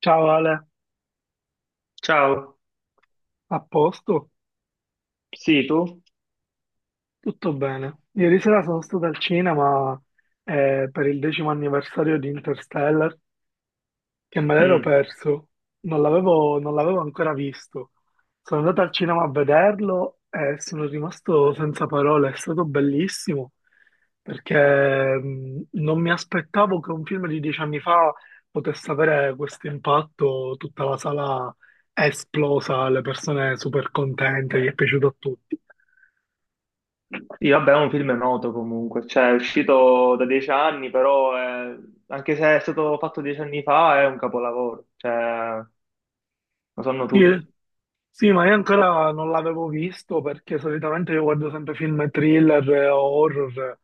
Ciao Ale, Ciao, a posto? sì, tu? Tutto bene. Ieri sera sono stato al cinema per il decimo anniversario di Interstellar che me l'ero Mm. perso, non l'avevo ancora visto. Sono andato al cinema a vederlo e sono rimasto senza parole, è stato bellissimo perché non mi aspettavo che un film di 10 anni fa potesse avere questo impatto, tutta la sala è esplosa, le persone super contente, gli è piaciuto a tutti. Sì, vabbè, è un film noto comunque, cioè è uscito da dieci anni, però è- anche se è stato fatto dieci anni fa è un capolavoro, cioè lo sanno Sì, tutti. sì, ma io ancora non l'avevo visto perché solitamente io guardo sempre film thriller e horror.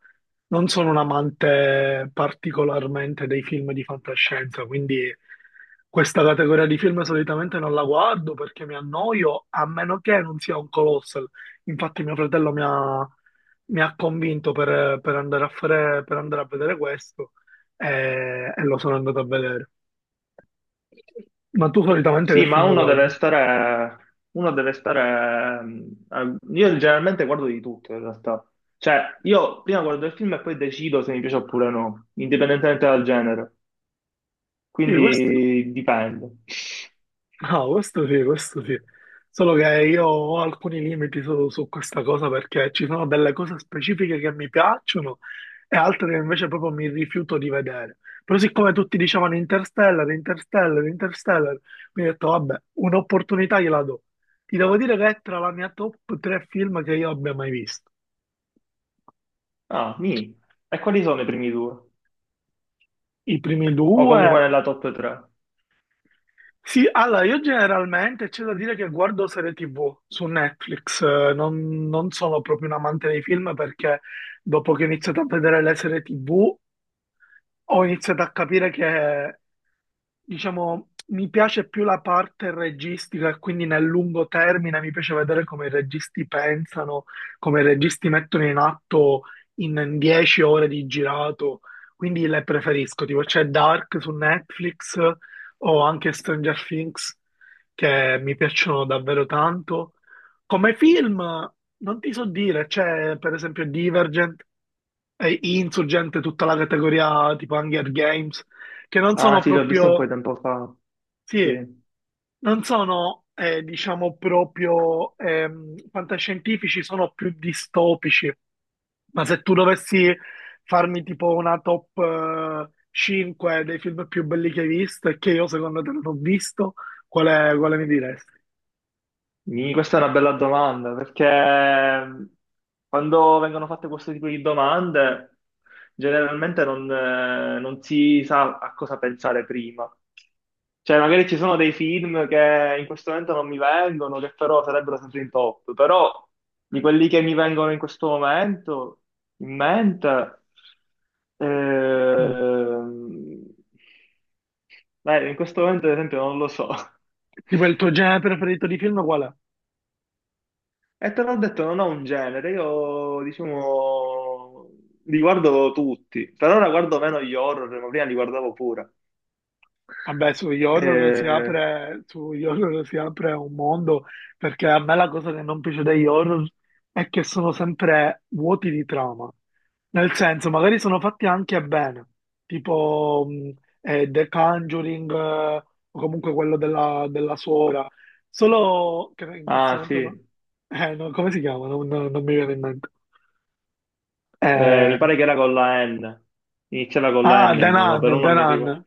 Non sono un amante particolarmente dei film di fantascienza, quindi questa categoria di film solitamente non la guardo perché mi annoio, a meno che non sia un colossal. Infatti mio fratello mi ha convinto per andare a vedere questo e lo sono andato a vedere. Ma tu solitamente che Sì, ma film uno deve guardi? stare, uno deve stare, mm, a- io generalmente guardo di tutto in realtà, cioè io prima guardo il film e poi decido se mi piace oppure no, indipendentemente dal genere, Sì, questo? quindi dipende. No, questo sì, questo sì. Solo che io ho alcuni limiti su questa cosa perché ci sono delle cose specifiche che mi piacciono e altre che invece proprio mi rifiuto di vedere. Però siccome tutti dicevano Interstellar, Interstellar, Interstellar, mi ho detto, vabbè, un'opportunità gliela do. Ti devo dire che è tra la mia top 3 film che io abbia mai visto. Ah, mi. E quali sono i primi due? I primi O comunque due. nella top 3? Sì, allora io generalmente c'è da dire che guardo serie TV su Netflix, non sono proprio un amante dei film perché dopo che ho iniziato a vedere le serie TV ho iniziato a capire che diciamo, mi piace più la parte registica e quindi nel lungo termine mi piace vedere come i registi pensano, come i registi mettono in atto in 10 ore di girato, quindi le preferisco, tipo c'è Dark su Netflix o anche Stranger Things che mi piacciono davvero tanto. Come film non ti so dire, c'è per esempio Divergent e Insurgent, tutta la categoria tipo Hunger Games, che non Ah sono sì, l'ho visto un po' proprio. di tempo fa. Sì, Sì. non sono, diciamo, proprio fantascientifici, sono più distopici. Ma se tu dovessi farmi tipo una top 5 dei film più belli che hai visto e che io secondo te non ho visto, quale mi diresti? Mi- questa è una bella domanda, perché quando vengono fatte questo tipo di domande, generalmente non, non si sa a cosa pensare prima. Cioè, magari ci sono dei film che in questo momento non mi vengono, che però sarebbero sempre in top, però di quelli che mi vengono in questo momento, in mente, Mm. ehm, beh, in questo momento ad esempio non lo so. Tipo il tuo genere preferito di film qual è? E te l'ho detto, non ho un genere, io diciamo li guardo tutti, per ora guardo meno gli horror, ma prima li guardavo pure. Vabbè, sugli horror si Eh, apre, sugli horror si apre un mondo, perché a me la cosa che non piace degli horror è che sono sempre vuoti di trama. Nel senso, magari sono fatti anche bene, tipo The Conjuring, o comunque quello della suora, solo che in questo ah momento sì. No, come si chiama? Non mi viene in mente. Eh, Mi pare che era con la N, iniziava con la N il nome, però Danan, non mi ricordo. Danan.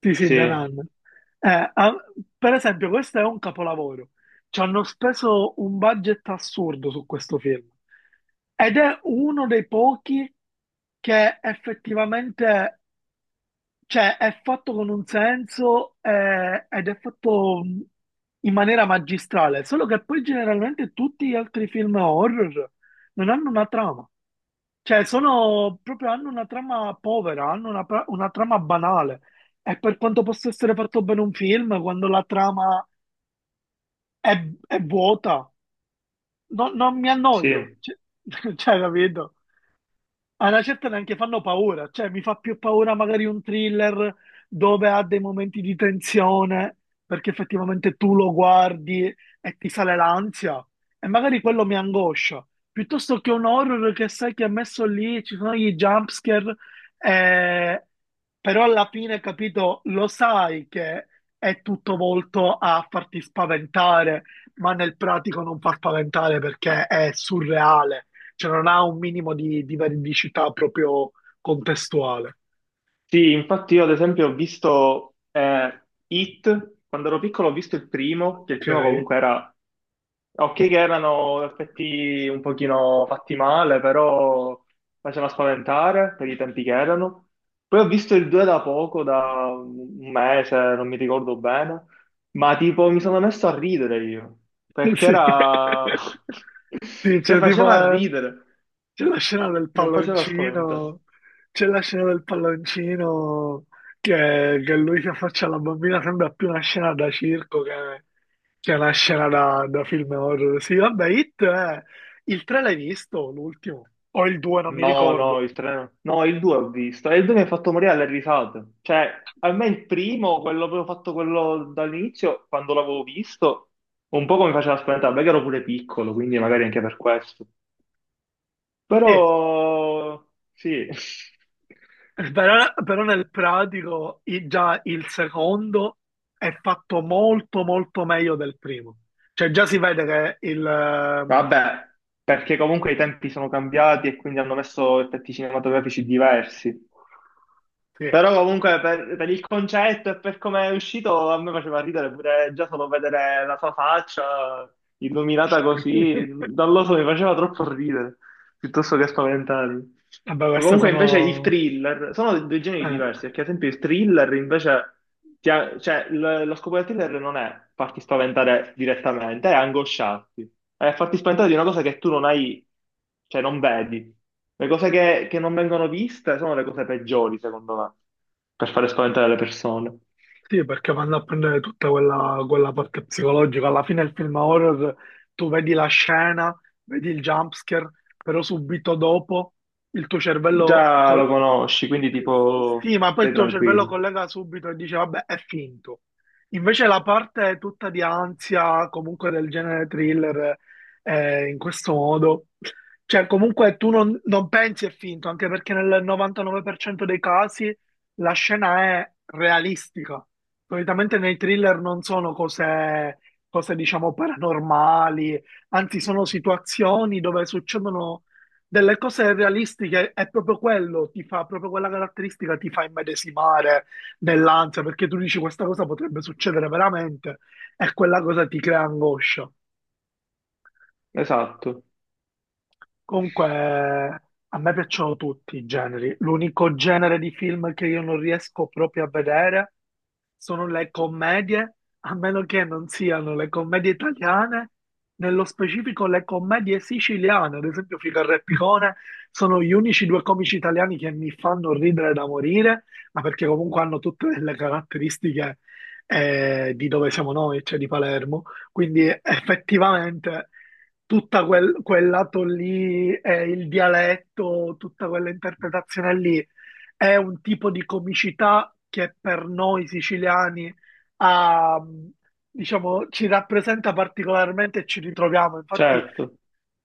Sì, sì, Sì, Danan. Eh, ah, per esempio, questo è un capolavoro. Ci hanno speso un budget assurdo su questo film. Ed è uno dei pochi che effettivamente, cioè, è fatto con un senso ed è fatto in maniera magistrale. Solo che poi generalmente tutti gli altri film horror non hanno una trama. Cioè, sono proprio, hanno una trama povera, hanno una trama banale. E per quanto possa essere fatto bene un film, quando la trama è vuota, non mi sì, annoio. Cioè, cioè, capito? A una certa neanche fanno paura, cioè mi fa più paura magari un thriller dove ha dei momenti di tensione perché effettivamente tu lo guardi e ti sale l'ansia e magari quello mi angoscia, piuttosto che un horror che sai che è messo lì, ci sono gli jumpscare, eh, però alla fine, capito, lo sai che è tutto volto a farti spaventare, ma nel pratico non fa spaventare perché è surreale, cioè non ha un minimo di veridicità proprio contestuale, sì, infatti io ad esempio ho visto It, quando ero piccolo ho visto il primo, che il primo ok? comunque era ok, che erano effetti un pochino fatti male, però faceva spaventare per i tempi che erano. Poi ho visto il 2 da poco, da un mese, non mi ricordo bene, ma tipo mi sono messo a ridere io, perché Sì. era... Sì, cioè c'è tipo faceva la, ridere, c'è la scena del non faceva spaventare. palloncino, c'è la scena del palloncino che lui si affaccia alla bambina, sembra più una scena da circo che una scena da film horror. Sì, vabbè, It è... Il 3 l'hai visto, l'ultimo? O il 2, non mi No, ricordo. no, il 3 no. No, il 2 ho visto. E il 2 mi ha fatto morire alle risate. Cioè, a me il primo, quello avevo fatto quello dall'inizio, quando l'avevo visto, un po' mi faceva spaventare, perché ero pure piccolo, quindi magari anche per questo. Sì, Però, sì. però nel pratico già il secondo è fatto molto molto meglio del primo. Cioè già si vede che il... Vabbè, perché comunque i tempi sono cambiati e quindi hanno messo effetti cinematografici diversi. sì. Però comunque per il concetto e per come è uscito a me faceva ridere pure già solo vedere la sua faccia illuminata così, non lo so, mi faceva troppo ridere, piuttosto che spaventarmi. Vabbè, queste Comunque invece il sono... thriller, sono due generi diversi, eh, perché ad esempio il thriller invece, cioè lo scopo del thriller non è farti spaventare direttamente, è angosciarti, è farti spaventare di una cosa che tu non hai, cioè non vedi. Le cose che non vengono viste sono le cose peggiori, secondo me per fare spaventare le persone. sì, perché vanno a prendere tutta quella parte psicologica. Alla fine il film horror, tu vedi la scena, vedi il jumpscare, però subito dopo il tuo cervello Già col- lo conosci, quindi tipo Sì, ma poi il sei tuo cervello tranquillo. collega subito e dice, vabbè, è finto. Invece la parte tutta di ansia, comunque del genere thriller, in questo modo, cioè comunque tu non pensi è finto, anche perché nel 99% dei casi la scena è realistica. Solitamente nei thriller non sono cose diciamo, paranormali, anzi sono situazioni dove succedono delle cose realistiche, è proprio quello, ti fa proprio quella caratteristica, ti fa immedesimare nell'ansia, perché tu dici questa cosa potrebbe succedere veramente e quella cosa ti crea angoscia. Esatto, Comunque, a me piacciono tutti i generi. L'unico genere di film che io non riesco proprio a vedere sono le commedie, a meno che non siano le commedie italiane, nello specifico le commedie siciliane, ad esempio Figaro e Picone, sono gli unici due comici italiani che mi fanno ridere da morire, ma perché comunque hanno tutte le caratteristiche di dove siamo noi, cioè di Palermo. Quindi effettivamente tutta quel lato lì, il dialetto, tutta quella interpretazione lì, è un tipo di comicità che per noi siciliani ha, diciamo, ci rappresenta particolarmente e ci ritroviamo. Infatti certo.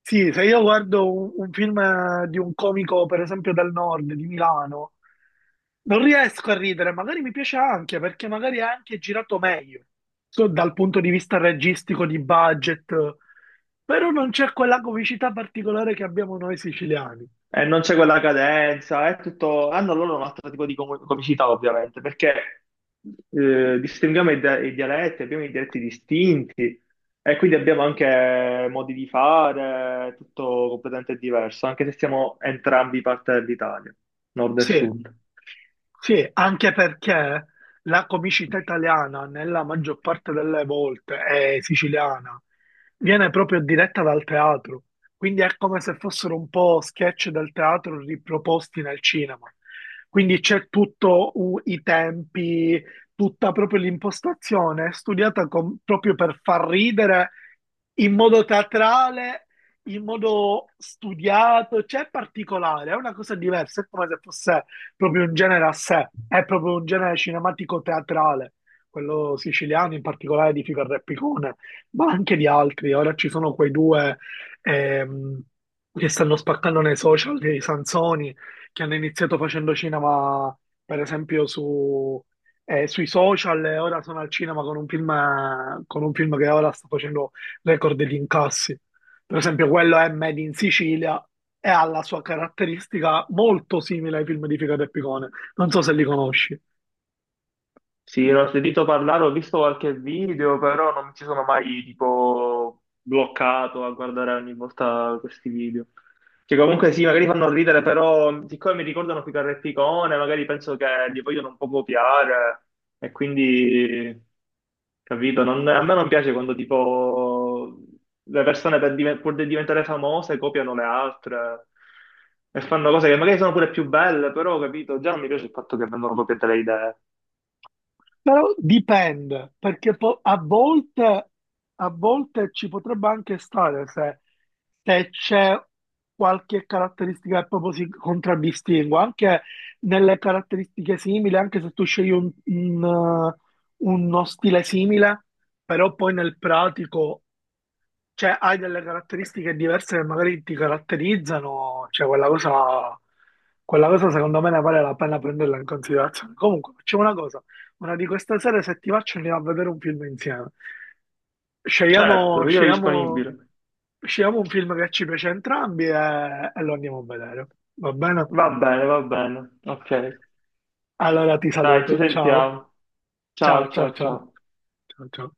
sì, se io guardo un film di un comico, per esempio del nord, di Milano, non riesco a ridere, magari mi piace anche perché magari è anche girato meglio, so, dal punto di vista registico, di budget, però non c'è quella comicità particolare che abbiamo noi siciliani. E non c'è quella cadenza, è tutto... Hanno loro un altro tipo di comicità, ovviamente, perché distinguiamo i, i dialetti, abbiamo i dialetti distinti e quindi abbiamo anche modi di fare, tutto completamente diverso, anche se siamo entrambi parte dell'Italia, nord e Sì. sud. Sì, anche perché la comicità italiana, nella maggior parte delle volte, è siciliana, viene proprio diretta dal teatro, quindi è come se fossero un po' sketch del teatro riproposti nel cinema. Quindi c'è tutto i tempi, tutta proprio l'impostazione è studiata proprio per far ridere in modo teatrale, in modo studiato, cioè è particolare, è una cosa diversa, è come se fosse proprio un genere a sé, è proprio un genere cinematico-teatrale, quello siciliano, in particolare di Fico e Repicone, ma anche di altri. Ora ci sono quei due ehm, che stanno spaccando nei social, dei Sansoni, che hanno iniziato facendo cinema, per esempio, su, sui social, e ora sono al cinema con un film, che ora sta facendo record di incassi. Per esempio, quello è Made in Sicilia e ha la sua caratteristica molto simile ai film di Figaro e Picone. Non so se li conosci, Sì, l'ho sentito parlare, ho visto qualche video, però non mi ci sono mai tipo bloccato a guardare ogni volta questi video. Che comunque sì, magari fanno ridere, però siccome mi ricordano più Carreppicone, magari penso che li vogliono un po' copiare e quindi, capito, non- a me non piace quando tipo le persone per pur di diventare famose copiano le altre e fanno cose che magari sono pure più belle, però, capito, già non mi piace il fatto che vengono copiate le idee. però dipende, perché a volte, ci potrebbe anche stare se, c'è qualche caratteristica che proprio si contraddistingua, anche nelle caratteristiche simili, anche se tu scegli eh, uno stile simile, però poi nel pratico, cioè, hai delle caratteristiche diverse che magari ti caratterizzano, cioè quella cosa secondo me ne vale la pena prenderla in considerazione. Comunque, facciamo una cosa, una di queste sere se ti faccio andiamo a vedere un film insieme. Scegliamo, Certo, io scegliamo, disponibile. scegliamo un film che ci piace a entrambi e lo andiamo a vedere, va bene? Va bene, va bene. Ok. Allora ti Dai, ci saluto, ciao, sentiamo. ciao, Ciao, ciao, ciao, ciao, ciao. ciao, ciao.